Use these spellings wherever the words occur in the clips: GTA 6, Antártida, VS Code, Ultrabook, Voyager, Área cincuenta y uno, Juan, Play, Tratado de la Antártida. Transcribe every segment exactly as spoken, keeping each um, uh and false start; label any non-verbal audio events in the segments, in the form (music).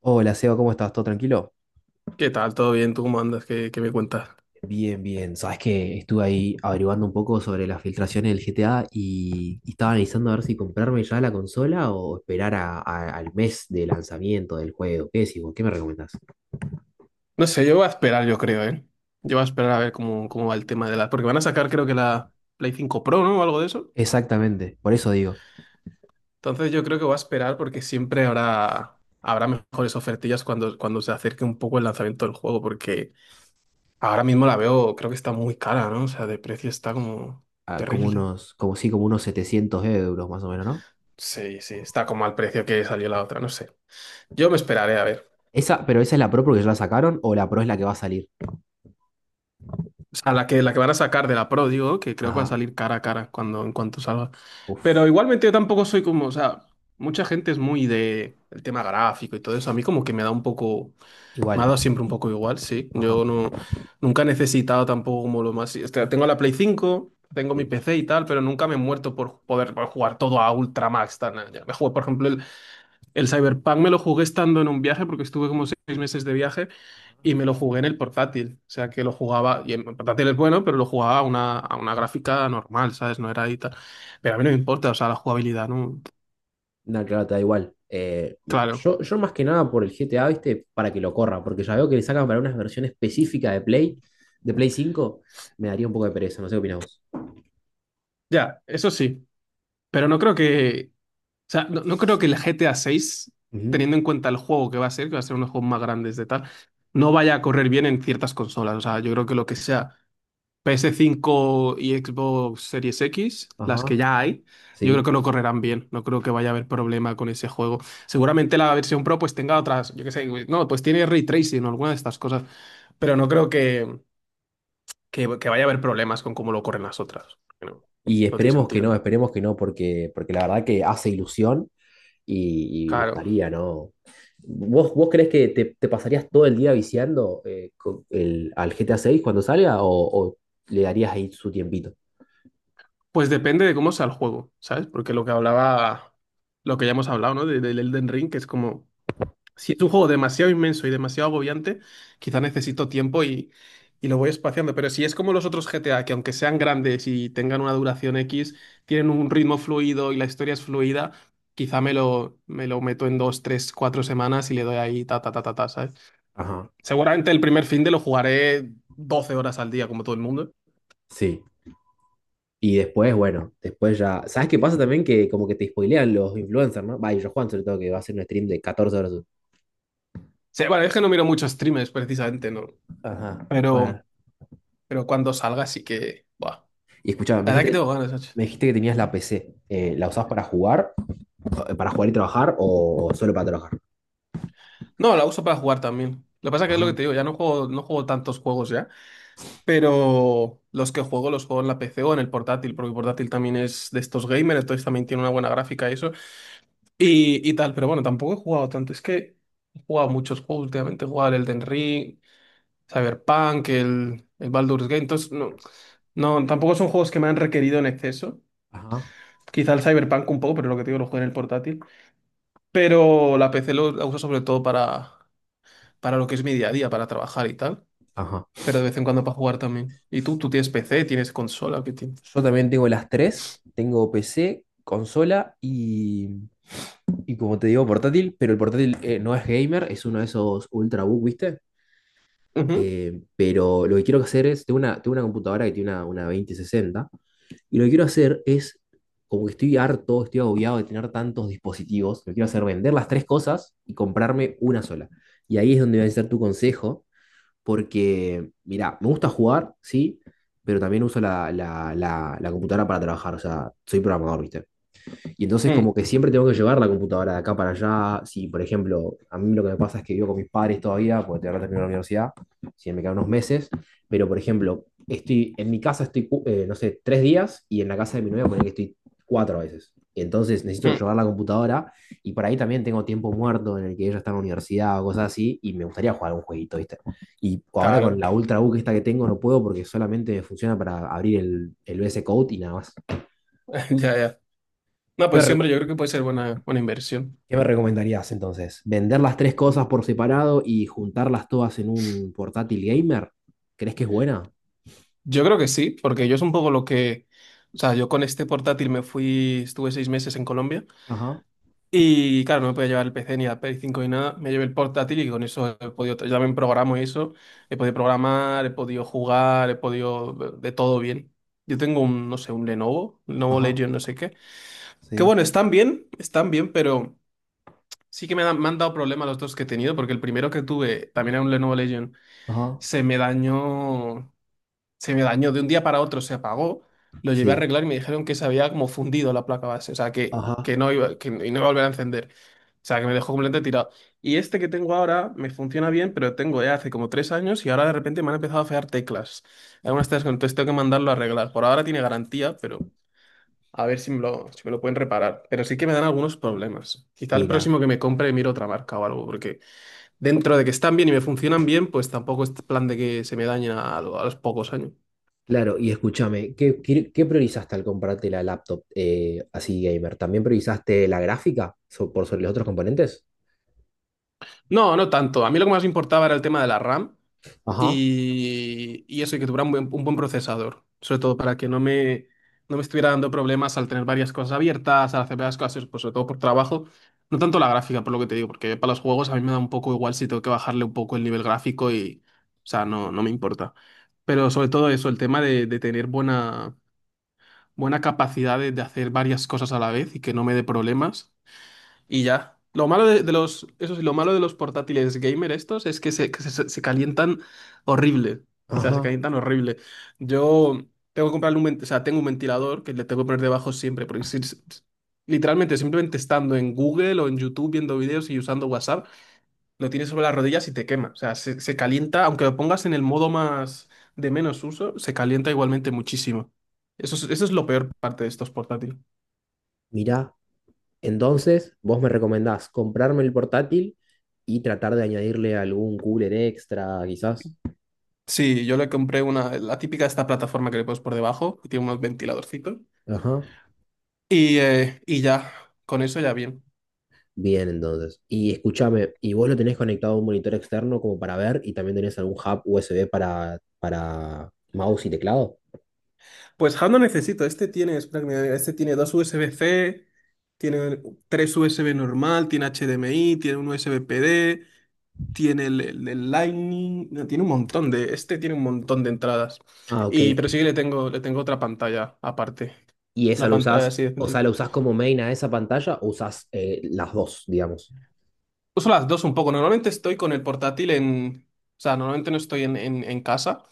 Hola, Seba, ¿cómo estás? ¿Todo tranquilo? ¿Qué tal? ¿Todo bien? ¿Tú cómo andas? ¿Qué, qué me cuentas? Bien, bien. Sabes que estuve ahí averiguando un poco sobre las filtraciones del G T A y, y estaba analizando a ver si comprarme ya la consola o esperar a- a- al mes de lanzamiento del juego. ¿Qué decís vos? ¿Qué me recomendás? No sé, yo voy a esperar, yo creo, ¿eh? Yo voy a esperar a ver cómo, cómo va el tema de la. Porque van a sacar, creo que la Play cinco Pro, ¿no? O algo de eso. Exactamente, por eso digo, Entonces yo creo que voy a esperar porque siempre habrá, habrá mejores ofertillas cuando, cuando se acerque un poco el lanzamiento del juego, porque ahora mismo la veo, creo que está muy cara, ¿no? O sea, de precio está como ah, como terrible. unos, como sí, como unos setecientos euros más o menos, ¿no? Sí, sí, está como al precio que salió la otra, no sé. Yo me esperaré a ver. Esa, pero esa es la Pro porque ya la sacaron o la Pro es la que va a salir. O sea, la que, la que van a sacar de la Pro, digo, que creo que va a Ajá, salir cara a cara cuando, en cuanto salga. Pero uff, igualmente yo tampoco soy como, o sea, mucha gente es muy de el tema gráfico y todo eso. A mí como que me da un poco, igual. me ha dado siempre un poco igual, sí. Ajá, Yo no, nunca he necesitado tampoco como lo más. O sea, tengo la Play cinco tengo mi sí. P C y tal, pero nunca me he muerto por poder por jugar todo a Ultra Max. Tal, nada, ya. Me juego, por ejemplo, el, el, Cyberpunk me lo jugué estando en un viaje porque estuve como seis meses de viaje y me lo jugué en el portátil. O sea que lo jugaba, y el portátil es bueno, pero lo jugaba a una, a una gráfica normal, ¿sabes? No era ahí tal. Pero a mí no me importa, o sea, la jugabilidad, ¿no? No, claro, te da igual. Eh, Claro, yo, yo más que nada por el G T A, ¿viste? Para que lo corra, porque ya veo que le sacan para una versión específica de Play, de Play cinco me daría un poco de pereza, no sé qué opinás vos. ya, eso sí. Pero no creo que, o sea, no, no creo que el G T A seis, Ujú, teniendo en cuenta el juego que va a ser, que va a ser uno de los juegos más grandes de tal, no vaya a correr bien en ciertas consolas. O sea, yo creo que lo que sea. PS cinco y Xbox Series X, las que ajá, ya hay, yo creo sí. que no correrán bien. No creo que vaya a haber problema con ese juego. Seguramente la versión Pro pues tenga otras, yo qué sé, pues, no, pues tiene ray tracing o alguna de estas cosas, pero no creo que, que, que vaya a haber problemas con cómo lo corren las otras. No, Y no tiene esperemos que no, sentido. esperemos que no, porque, porque la verdad que hace ilusión y, y Claro. gustaría, ¿no? ¿Vos, vos creés que te, te pasarías todo el día viciando eh, con el, al G T A seis cuando salga o, o le darías ahí su tiempito? Pues depende de cómo sea el juego, ¿sabes? Porque lo que hablaba, lo que ya hemos hablado, ¿no? De- Del Elden Ring, que es como. Si es un juego demasiado inmenso y demasiado agobiante, quizá necesito tiempo y, y lo voy espaciando. Pero si es como los otros G T A, que aunque sean grandes y tengan una duración X, tienen un ritmo fluido y la historia es fluida, quizá me lo, me lo meto en dos, tres, cuatro semanas y le doy ahí ta, ta, ta, ta, ta, ¿sabes? Ajá, Seguramente el primer fin de lo jugaré doce horas al día, como todo el mundo. sí. Y después, bueno, después ya. ¿Sabes qué pasa también? Que como que te spoilean los influencers, ¿no? Va, y yo Juan, sobre todo, que va a hacer un stream de catorce horas. Sí, bueno, es que no miro muchos streamers, precisamente, ¿no? Ajá, bueno. Pero, pero cuando salga sí que. Buah. Y escuchaba, me La verdad que dijiste, tengo ganas, macho. me dijiste que tenías la P C. Eh, ¿la usás para jugar? eh, ¿Para jugar y trabajar o solo para trabajar? No, la uso para jugar también. Lo que pasa que es lo que Ajá, te digo, ya no juego, no juego, tantos juegos ya, pero los que juego los juego en la P C o en el portátil, porque el portátil también es de estos gamers, entonces también tiene una buena gráfica y eso, y, y tal, pero bueno, tampoco he jugado tanto, es que he jugado muchos juegos últimamente, he jugado el Elden Ring, Cyberpunk, el, el, Baldur's Gate, entonces no, no, tampoco son juegos que me han requerido en exceso. ajá, Quizá el Cyberpunk un poco, pero lo que te digo, lo juego en el portátil. Pero la P C lo, la uso sobre todo para, para lo que es mi día a día, para trabajar y tal. ajá. Pero de vez en cuando para jugar también. ¿Y tú? ¿Tú tienes P C? ¿Tienes consola? ¿Qué tienes? Yo también tengo las tres. Tengo P C, consola y, y como te digo, portátil. Pero el portátil eh, no es gamer, es uno de esos Ultrabook, ¿viste? Ujú. Eh, pero lo que quiero hacer es, tengo una, tengo una computadora que tiene una, una veinte sesenta y lo que quiero hacer es, como que estoy harto, estoy agobiado de tener tantos dispositivos, lo que quiero hacer es vender las tres cosas y comprarme una sola. Y ahí es donde va a ser tu consejo, porque, mira, me gusta jugar, sí, pero también uso la, la, la, la computadora para trabajar, o sea, soy programador, ¿viste? Y entonces Mm, como que siempre tengo que llevar la computadora de acá para allá. Si, por ejemplo, a mí lo que me pasa es que vivo con mis padres todavía, porque tengo que terminar la universidad, si no me quedan unos meses, pero por ejemplo, estoy en mi casa estoy, cu- eh, no sé, tres días y en la casa de mi novia poner que estoy cuatro veces. Entonces necesito mm. llevar la computadora y por ahí también tengo tiempo muerto en el que ella está en la universidad o cosas así y me gustaría jugar un jueguito, ¿viste? Y ahora con Claro, la Ultrabook esta que tengo no puedo porque solamente funciona para abrir el, el V S Code y nada más. Te (laughs) ya, ya. No, iba pues re- siempre yo creo que puede ser buena, buena inversión. ¿Qué me recomendarías entonces? ¿Vender las tres cosas por separado y juntarlas todas en un portátil gamer? ¿Crees que es buena? Yo creo que sí, porque yo es un poco lo que. O sea, yo con este portátil me fui, estuve seis meses en Colombia Ajá, y claro, no me podía llevar el P C ni la Play cinco ni nada. Me llevé el portátil y con eso he podido, yo también programo y eso, he podido programar, he podido jugar, he podido de todo bien. Yo tengo un, no sé, un Lenovo, Lenovo ajá, Legion, no sé qué. Que sí, bueno, están bien, están bien, pero. Sí que me, dan- me han dado problemas los dos que he tenido, porque el primero que tuve, también era un Lenovo Legion, ajá, se me dañó, se me dañó de un día para otro, se apagó, lo llevé a sí, arreglar y me dijeron que se había como fundido la placa base, o sea, que, ajá. que no iba, que no iba a volver a encender, o sea, que me dejó completamente tirado. Y este que tengo ahora me funciona bien, pero tengo ya hace como tres años y ahora de repente me han empezado a fallar teclas, algunas teclas, entonces tengo que mandarlo a arreglar. Por ahora tiene garantía, a ver si me lo, si me lo pueden reparar. Pero sí que me dan algunos problemas. Quizá el Mira, próximo que me compre miro otra marca o algo, porque dentro de que están bien y me funcionan bien, pues tampoco es plan de que se me dañen a, a los pocos años. claro, y escúchame, ¿qué, qué- qué priorizaste al comprarte la laptop eh, así gamer? ¿También priorizaste la gráfica so- por sobre los otros componentes? No, no tanto. A mí lo que más me importaba era el tema de la RAM. Ajá, y, y eso, y que tuviera un buen, un buen, procesador, sobre todo para que no me, no me estuviera dando problemas al tener varias cosas abiertas, al hacer varias cosas, pues sobre todo por trabajo, no tanto la gráfica, por lo que te digo, porque para los juegos a mí me da un poco igual si tengo que bajarle un poco el nivel gráfico y, o sea, no, no me importa. Pero sobre todo eso, el tema de, de tener buena, buena, capacidad de, de hacer varias cosas a la vez y que no me dé problemas. Y ya. Lo malo de, de los, eso sí, lo malo de los portátiles gamer estos es que se, que se- se calientan horrible. O sea, se ajá. calientan horrible. Yo tengo que comprarle un, ven- o sea, tengo un ventilador que le tengo que poner debajo siempre, porque si- si- si, literalmente simplemente estando en Google o en YouTube viendo vídeos y usando WhatsApp, lo tienes sobre las rodillas y te quema. O sea, se, se calienta, aunque lo pongas en el modo más de menos uso, se calienta igualmente muchísimo. Eso es, eso es lo peor parte de estos portátiles. Mira, entonces vos me recomendás comprarme el portátil y tratar de añadirle algún cooler extra, quizás. Sí, yo le compré una, la típica esta plataforma que le pones por debajo, que tiene unos ventiladorcitos. Ajá. Y, eh, y ya, con eso ya bien. Bien, entonces. Y escúchame, ¿y, vos lo tenés conectado a un monitor externo como para ver y también tenés algún hub U S B para, para mouse y teclado? Pues Hub no necesito, este tiene, espera que me diga, este tiene dos U S B-C, tiene tres U S B normal, tiene HDMI, tiene un U S B P D, tiene el, el- el Lightning, no, tiene un montón de, este tiene un montón de entradas. Ah, ok. Y, pero sí que le tengo, le tengo otra pantalla aparte, ¿Y esa una lo pantalla usás, así de. o sea, la usás como main a esa pantalla o usás eh, las dos, digamos? Uso las dos un poco. Normalmente estoy con el portátil en. O sea, normalmente no estoy en, en- en casa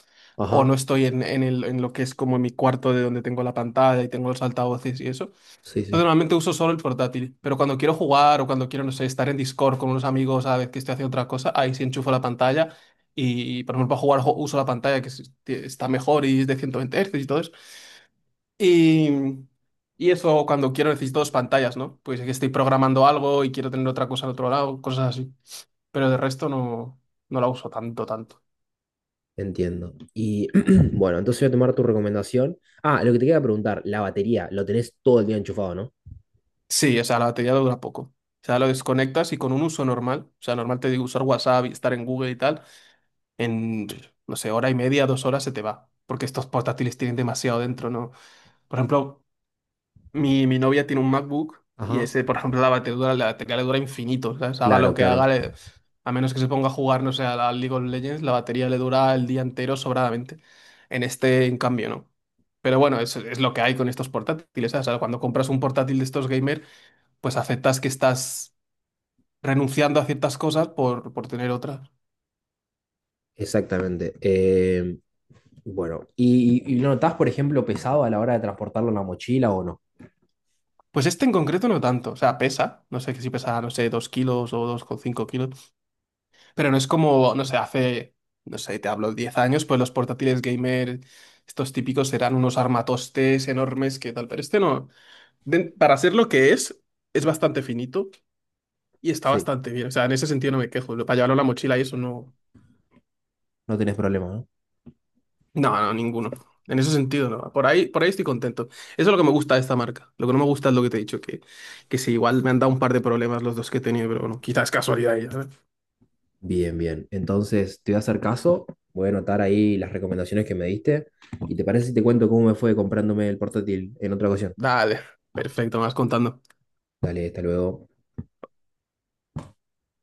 o Ajá, no estoy en, en el- en lo que es como mi cuarto de donde tengo la pantalla y tengo los altavoces y eso. sí, Entonces sí, normalmente uso solo el portátil. Pero cuando quiero jugar o cuando quiero, no sé, estar en Discord con unos amigos a la vez que estoy haciendo otra cosa, ahí sí enchufo la pantalla y, por ejemplo, para jugar jo- uso la pantalla que es- que está mejor y es de ciento veinte Hz y todo eso. Y. Y eso cuando quiero necesito dos pantallas, ¿no? Pues es que estoy programando algo y quiero tener otra cosa al otro lado, cosas así pero de resto no, no la uso tanto, tanto. entiendo. Y (clears throat) bueno, entonces voy a tomar tu recomendación. Ah, lo que te quería preguntar, la batería, lo tenés todo el día enchufado, ¿no? Sí, o sea, la batería dura poco. O sea, lo desconectas y con un uso normal, o sea, normal te digo usar WhatsApp y estar en Google y tal, en, no sé, hora y media, dos horas se te va. Porque estos portátiles tienen demasiado dentro, ¿no? Por ejemplo, Mi, mi novia tiene un MacBook y Ajá. ese, por ejemplo, la batería, la batería le dura infinito, ¿sabes? Haga lo Claro, que haga, claro, le- a menos que se ponga a jugar, no sé, a la League of Legends, la batería le dura el día entero sobradamente. En este, en cambio, no. Pero bueno, es, es lo que hay con estos portátiles, ¿sabes? O sea, cuando compras un portátil de estos gamer, pues aceptas que estás renunciando a ciertas cosas por, por, tener otras. exactamente. Em, Bueno, ¿y, y lo notás, por ejemplo, pesado a la hora de transportarlo en la mochila o no? Pues este en concreto no tanto, o sea, pesa, no sé que si pesa, no sé, dos kilos o dos coma cinco kilos. Pero no es como, no sé, hace, no sé, te hablo, diez años, pues los portátiles gamer, estos típicos eran unos armatostes enormes que tal, pero este no. Den- para ser lo que es, es bastante finito y está Sí. bastante bien. O sea, en ese sentido no me quejo. Para llevarlo en la mochila y eso no. No tenés problema, ¿no? No, no, ninguno. En ese sentido no. Por ahí, por ahí estoy contento. Eso es lo que me gusta de esta marca. Lo que no me gusta es lo que te he dicho, que, que sí, igual me han dado un par de problemas los dos que he tenido, pero bueno, quizás casualidad. Y ya, ¿sabes? Bien, bien. Entonces, te voy a hacer caso, voy a anotar ahí las recomendaciones que me diste. ¿Y te parece si te cuento cómo me fue comprándome el portátil en otra ocasión? Dale, perfecto, me vas contando. Dale, hasta luego.